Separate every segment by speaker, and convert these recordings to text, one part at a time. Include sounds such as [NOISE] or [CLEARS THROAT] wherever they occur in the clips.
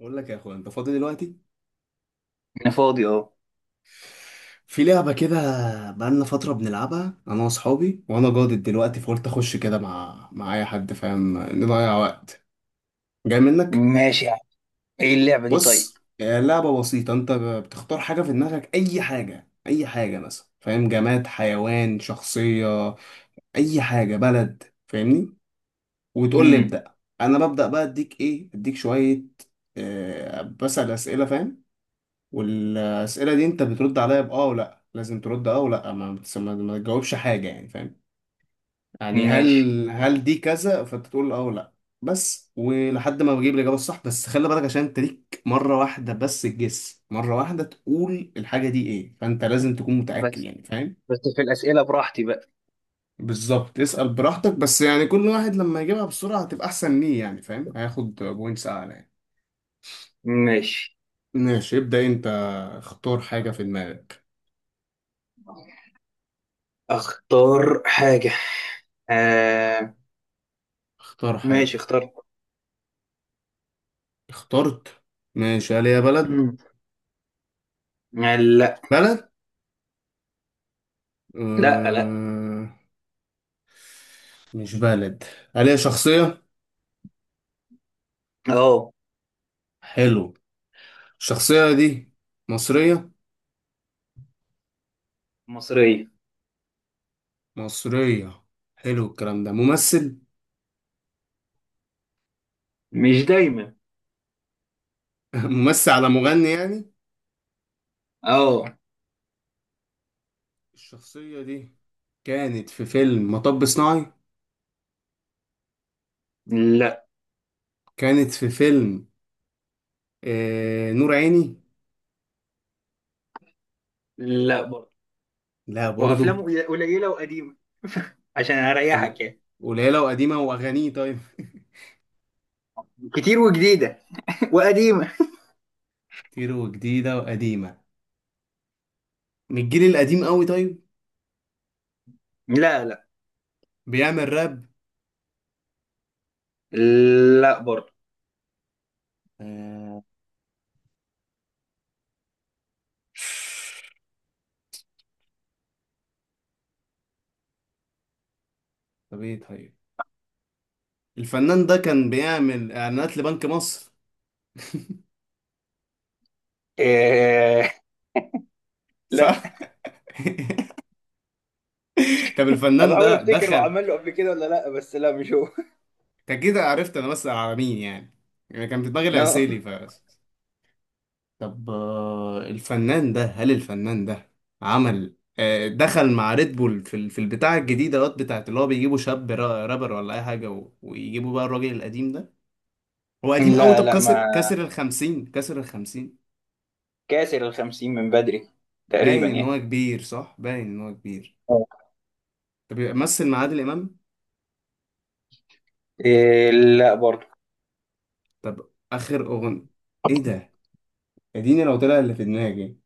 Speaker 1: بقول لك يا اخويا انت فاضي دلوقتي.
Speaker 2: انا فاضي اهو.
Speaker 1: في لعبه كده بقالنا فتره بنلعبها انا واصحابي، وانا جادد دلوقتي فقلت اخش كده مع اي حد فاهم، نضيع وقت جاي منك.
Speaker 2: ماشي يا عم. ايه اللعبة دي طيب؟
Speaker 1: بص آه، لعبه بسيطه، انت بتختار حاجه في دماغك اي حاجه اي حاجه، مثلا فاهم، جماد حيوان شخصيه اي حاجه بلد، فاهمني وتقول لي
Speaker 2: امم
Speaker 1: ابدا. انا ببدا بقى اديك ايه اديك شويه، بسأل اسئله فاهم، والاسئله دي انت بترد عليا باه ولا لازم ترد اه، ولا ما تجاوبش حاجه يعني، فاهم؟ يعني
Speaker 2: ماشي.
Speaker 1: هل، هل دي كذا؟ فانت تقول اه ولا بس. ولحد ما بجيب الاجابه الصح بس، خلي بالك عشان انت ليك مره واحده بس الجس، مره واحده تقول الحاجه دي ايه، فانت لازم تكون متاكد
Speaker 2: بس
Speaker 1: يعني، فاهم؟
Speaker 2: بس في الأسئلة براحتي بقى.
Speaker 1: بالظبط، اسال براحتك، بس يعني كل واحد لما يجيبها بسرعه هتبقى احسن ليه يعني فاهم، هياخد بوينتس اعلى يعني.
Speaker 2: ماشي،
Speaker 1: ماشي، ابدا انت، اختار حاجه في دماغك.
Speaker 2: اختار حاجة. آه.
Speaker 1: اختار حاجه.
Speaker 2: ماشي، اخترت.
Speaker 1: اخترت؟ ماشي. هل هي بلد؟
Speaker 2: مم. آه، لا.
Speaker 1: بلد؟
Speaker 2: لا لا.
Speaker 1: آه... مش بلد. هل هي شخصية؟
Speaker 2: اه.
Speaker 1: حلو. الشخصية دي مصرية؟
Speaker 2: مصرية.
Speaker 1: مصرية. حلو، الكلام ده ممثل؟
Speaker 2: مش دايما.
Speaker 1: [LAUGHS] ممثل على مغني يعني؟
Speaker 2: اه.
Speaker 1: الشخصية دي كانت في فيلم مطب صناعي؟
Speaker 2: لا.
Speaker 1: كانت في فيلم آه... نور عيني؟
Speaker 2: لا برضه.
Speaker 1: لا
Speaker 2: وافلام
Speaker 1: برضو؟
Speaker 2: قليلة وقديمة عشان
Speaker 1: قل-
Speaker 2: اريحك يعني.
Speaker 1: قليلة وقديمة وأغانيه؟ طيب.
Speaker 2: كتير وجديدة [LAUGHS] وقديمة.
Speaker 1: [LAUGHS] كتير وجديدة وقديمة؟ من الجيل القديم قوي؟ طيب.
Speaker 2: لا لا.
Speaker 1: بيعمل راب؟
Speaker 2: لا برضه.
Speaker 1: آه، طب ايه طيب. الفنان ده كان بيعمل اعلانات لبنك مصر؟
Speaker 2: آه. لا.
Speaker 1: صح؟ [LAUGHS] طب
Speaker 2: أنا
Speaker 1: الفنان
Speaker 2: بحاول
Speaker 1: ده
Speaker 2: افتكر هو
Speaker 1: دخل،
Speaker 2: عمل له قبل كده ولا لا، بس لا مش هو [LAUGHS]
Speaker 1: انت كده عرفت انا بسأل على مين يعني، يعني كان في دماغي
Speaker 2: لا
Speaker 1: العسيلي ف... طب آه، الفنان ده، هل الفنان ده عمل، دخل مع ريد بول في في البتاع الجديدة دوت بتاعت، اللي هو بيجيبوا شاب رابر ولا اي حاجة ويجيبوا بقى الراجل القديم ده؟ هو قديم قوي،
Speaker 2: لا
Speaker 1: طب
Speaker 2: لا،
Speaker 1: كسر
Speaker 2: ما
Speaker 1: كسر الخمسين؟ كسر الخمسين؟
Speaker 2: كاسر الخمسين من بدري. تقريبا
Speaker 1: باين ان هو
Speaker 2: يعني.
Speaker 1: كبير صح، باين ان هو كبير.
Speaker 2: آه.
Speaker 1: طب يبقى مثل مع عادل امام؟
Speaker 2: إيه لا برضه.
Speaker 1: طب اخر اغنيه، ايه ده، اديني لو طلع اللي في دماغي.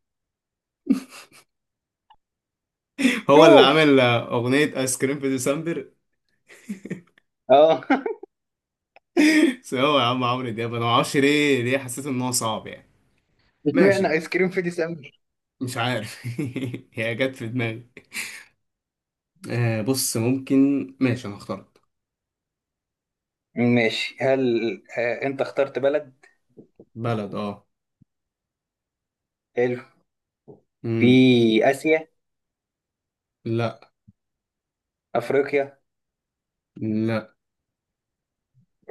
Speaker 1: [LAUGHS] هو اللي
Speaker 2: شوف.
Speaker 1: عامل اغنيه ايس كريم في ديسمبر؟
Speaker 2: اه [LAUGHS]
Speaker 1: [LAUGHS] بس هو يا عم عمرو دياب انا معرفش ليه، ليه حسيت ان هو صعب يعني.
Speaker 2: اشمعنى
Speaker 1: ماشي،
Speaker 2: ايس كريم في ديسمبر؟
Speaker 1: مش عارف. [LAUGHS] هي جت في دماغي آه، بص ممكن. ماشي انا اخترت.
Speaker 2: ماشي. هل انت اخترت بلد؟
Speaker 1: بلد اه.
Speaker 2: حلو. في
Speaker 1: امم.
Speaker 2: اسيا؟
Speaker 1: لا.
Speaker 2: افريقيا؟
Speaker 1: لا.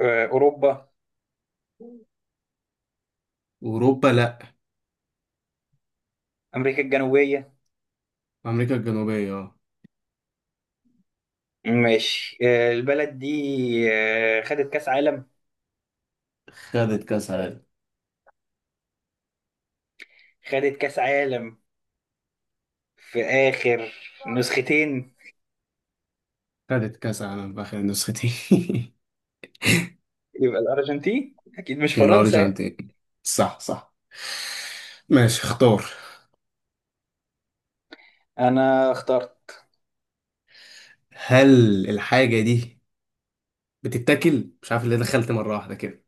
Speaker 2: اوروبا؟
Speaker 1: اوروبا لا.
Speaker 2: امريكا الجنوبيه؟
Speaker 1: امريكا الجنوبيه اه.
Speaker 2: ماشي. البلد دي خدت كاس عالم؟
Speaker 1: خدت كاس عالم.
Speaker 2: خدت كاس عالم في اخر نسختين.
Speaker 1: خدت كاس عالم في اخر النسختين. [LAUGHS]
Speaker 2: يبقى الأرجنتين أكيد مش فرنسا يعني.
Speaker 1: الأرجنتين، صح صح. ماشي اختار.
Speaker 2: أنا اخترت.
Speaker 1: هل الحاجة دي بتتاكل؟ مش عارف اللي دخلت مرة واحدة كده.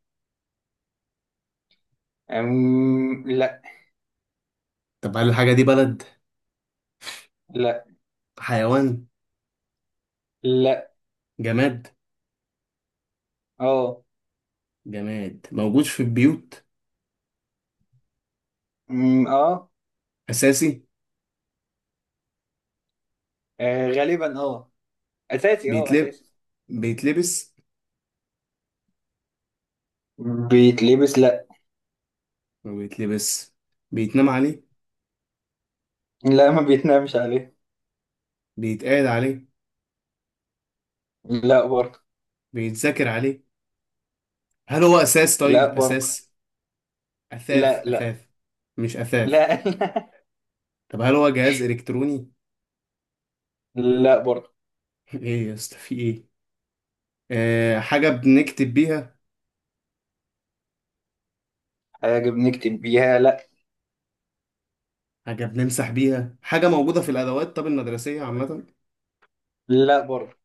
Speaker 2: لا.
Speaker 1: طب هل الحاجة دي بلد؟
Speaker 2: لا.
Speaker 1: حيوان؟
Speaker 2: لا.
Speaker 1: جماد؟
Speaker 2: أه.
Speaker 1: جماد موجود في البيوت.
Speaker 2: أه.
Speaker 1: أساسي.
Speaker 2: غالبا أه. أساسي أه
Speaker 1: بيتلب،
Speaker 2: أساسي.
Speaker 1: بيتلبس.
Speaker 2: بيتلبس لا.
Speaker 1: ما بيتلبس، بيتنام عليه.
Speaker 2: لا، ما بيتنامش عليه.
Speaker 1: بيتقعد عليه.
Speaker 2: لا برضه.
Speaker 1: بيتذاكر عليه. هل هو أساس
Speaker 2: لا
Speaker 1: طيب؟
Speaker 2: برضه.
Speaker 1: أساس. أثاث
Speaker 2: لا لا.
Speaker 1: أثاث. مش أثاث.
Speaker 2: لا, [LAUGHS] لا.
Speaker 1: طب هل هو جهاز إلكتروني؟
Speaker 2: لا برضه.
Speaker 1: [LAUGHS] إيه يا اسطى في إيه؟ آه، حاجة بنكتب بيها.
Speaker 2: حاجة بنكتب بيها لا.
Speaker 1: حاجة بنمسح بيها، حاجة موجودة في الأدوات طب المدرسية عامة.
Speaker 2: لا برضه.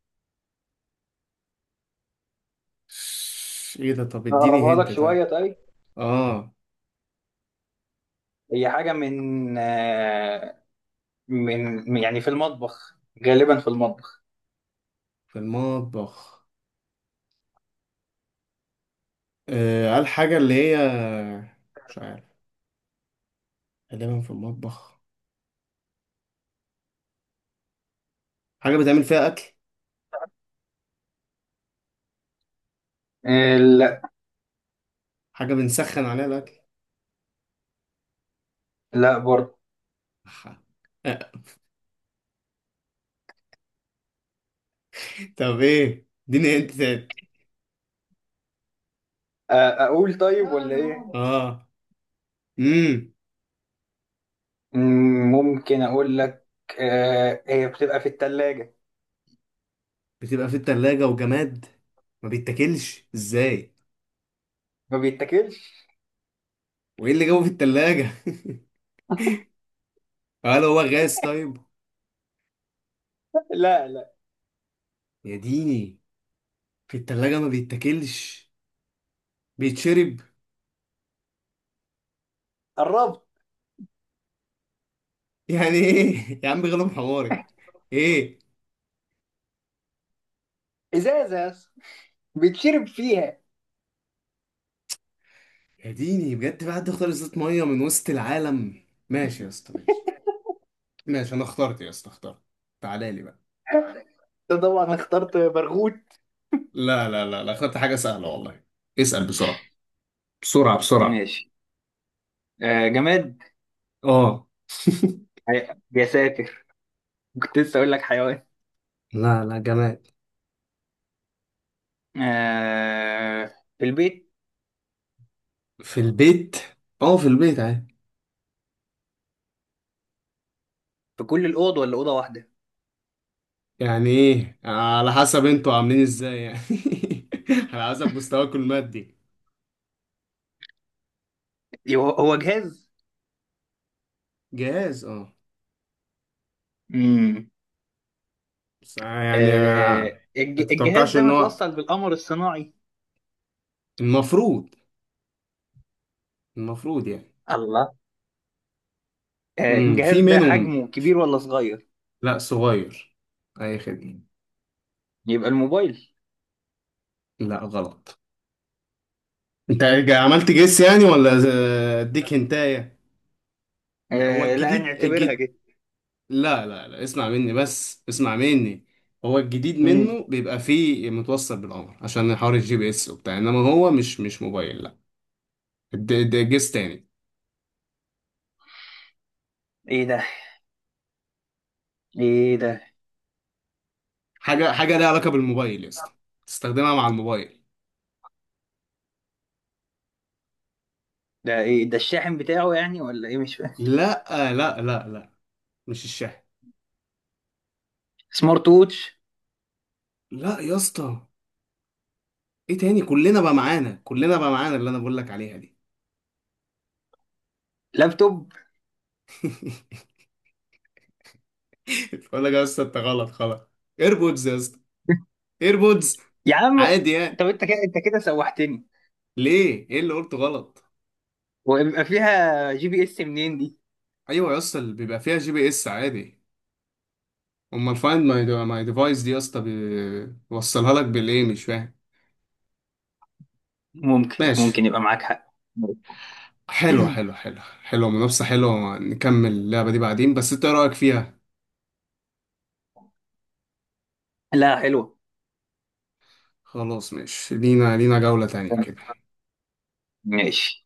Speaker 1: ايه ده، طب اديني
Speaker 2: نقربها لك
Speaker 1: هنت طيب.
Speaker 2: شوية طيب.
Speaker 1: اه.
Speaker 2: هي حاجة من آه، من من- يعني في المطبخ، غالبا في المطبخ.
Speaker 1: في المطبخ. آه قال حاجة اللي هي، مش عارف. غالبا في المطبخ. حاجة بتعمل فيها أكل.
Speaker 2: لا.
Speaker 1: حاجة بنسخن عليها الأكل.
Speaker 2: لا برضه.
Speaker 1: أح. [LAUGHS] طب ايه، اديني هنت تاني.
Speaker 2: اقول طيب
Speaker 1: لا يا
Speaker 2: ولا ايه؟
Speaker 1: ماما، اه. امم.
Speaker 2: ممكن اقول لك. هي بتبقى في التلاجة.
Speaker 1: بتبقى في التلاجة وجماد، ما بيتاكلش ازاي؟
Speaker 2: ما بيتاكلش.
Speaker 1: وايه اللي جابه في التلاجة. [LAUGHS] هل هو غاز طيب؟
Speaker 2: لا لا،
Speaker 1: يا ديني. في التلاجة ما بيتاكلش، بيتشرب؟
Speaker 2: قربت.
Speaker 1: يعني ايه؟ [LAUGHS] يا عم غلب حمارك. ايه؟
Speaker 2: ازازة يا اسطى. بيتشرب فيها.
Speaker 1: يا ديني بجد، في حد اختار ازازة مية من وسط العالم، ماشي يا اسطى ماشي. ماشي انا اخترت يا اسطى، اخترت. تعالى لي بقى.
Speaker 2: أنت طبعا اخترت برغوت.
Speaker 1: لا، اخترت حاجة سهلة والله. اسأل بسرعة، بسرعة بسرعة.
Speaker 2: ماشي. جماد.
Speaker 1: اه. [LAUGHS]
Speaker 2: يا ساتر، كنت لسه اقول لك حيوان.
Speaker 1: لا لا، جماد.
Speaker 2: آه، في البيت،
Speaker 1: في البيت. اه في البيت عادي.
Speaker 2: في كل الاوض ولا اوضه واحده؟
Speaker 1: يعني ايه على حسب انتوا عاملين ازاي يعني، [LAUGHS] على حسب مستواكم المادي.
Speaker 2: هو جهاز.
Speaker 1: جاهز اه.
Speaker 2: امم
Speaker 1: بس يعني ما
Speaker 2: الجهاز
Speaker 1: تتوقعش
Speaker 2: ده
Speaker 1: ان هو،
Speaker 2: متوصل بالقمر الصناعي؟
Speaker 1: المفروض، المفروض يعني.
Speaker 2: الله. الجهاز
Speaker 1: في
Speaker 2: ده
Speaker 1: منهم،
Speaker 2: حجمه كبير ولا صغير؟
Speaker 1: لا صغير. اي خدمة.
Speaker 2: يبقى الموبايل.
Speaker 1: لا غلط. انت عملت جيس يعني ولا ز-، اديك هنتايه. ما- هو
Speaker 2: آه، لا،
Speaker 1: الجديد
Speaker 2: نعتبرها
Speaker 1: الجد...
Speaker 2: كده.
Speaker 1: لا اسمع مني، اسمع مني. هو الجديد
Speaker 2: مم.
Speaker 1: منه بيبقى فيه متوصل بالقمر عشان حوار الجي بي اس وبتاع، انما هو مش موبايل لا. ده جيس تاني.
Speaker 2: ايه ده؟ ايه ده؟
Speaker 1: حاجه، حاجه ليها علاقه بالموبايل يا اسطى، تستخدمها مع الموبايل.
Speaker 2: ايه ده الشاحن بتاعه يعني ولا ايه، مش فاهم؟
Speaker 1: لا، لا مش الشاحن.
Speaker 2: سمارت ووتش؟
Speaker 1: لا يا اسطى. ايه تاني، كلنا بقى معانا، كلنا بقى معانا اللي انا بقول لك عليها دي.
Speaker 2: لابتوب؟
Speaker 1: [LAUGHS] بقول لك يا اسطى انت غلط خلاص. ايربودز يا اسطى، ايربودز.
Speaker 2: يا عم.
Speaker 1: عادي
Speaker 2: طب
Speaker 1: يعني.
Speaker 2: انت كده سوحتني.
Speaker 1: ليه، ايه اللي قلته غلط؟
Speaker 2: ويبقى فيها GPS منين دي؟
Speaker 1: ايوه يا اسطى، اللي بيبقى فيها جي بي اس عادي. امال الفايند ماي ديفايس دي يا اسطى بي-، بيوصلها لك بالايه، مش فاهم؟
Speaker 2: ممكن
Speaker 1: ماشي،
Speaker 2: يبقى معاك حق.
Speaker 1: حلو حلو
Speaker 2: [CLEARS THROAT]
Speaker 1: حلو حلو، منافسة حلوة، نكمل اللعبة دي بعدين، بس انت ايه رأيك فيها؟
Speaker 2: لا، حلوة.
Speaker 1: خلاص ماشي، لينا، لينا جولة تانية كده.
Speaker 2: ماشي.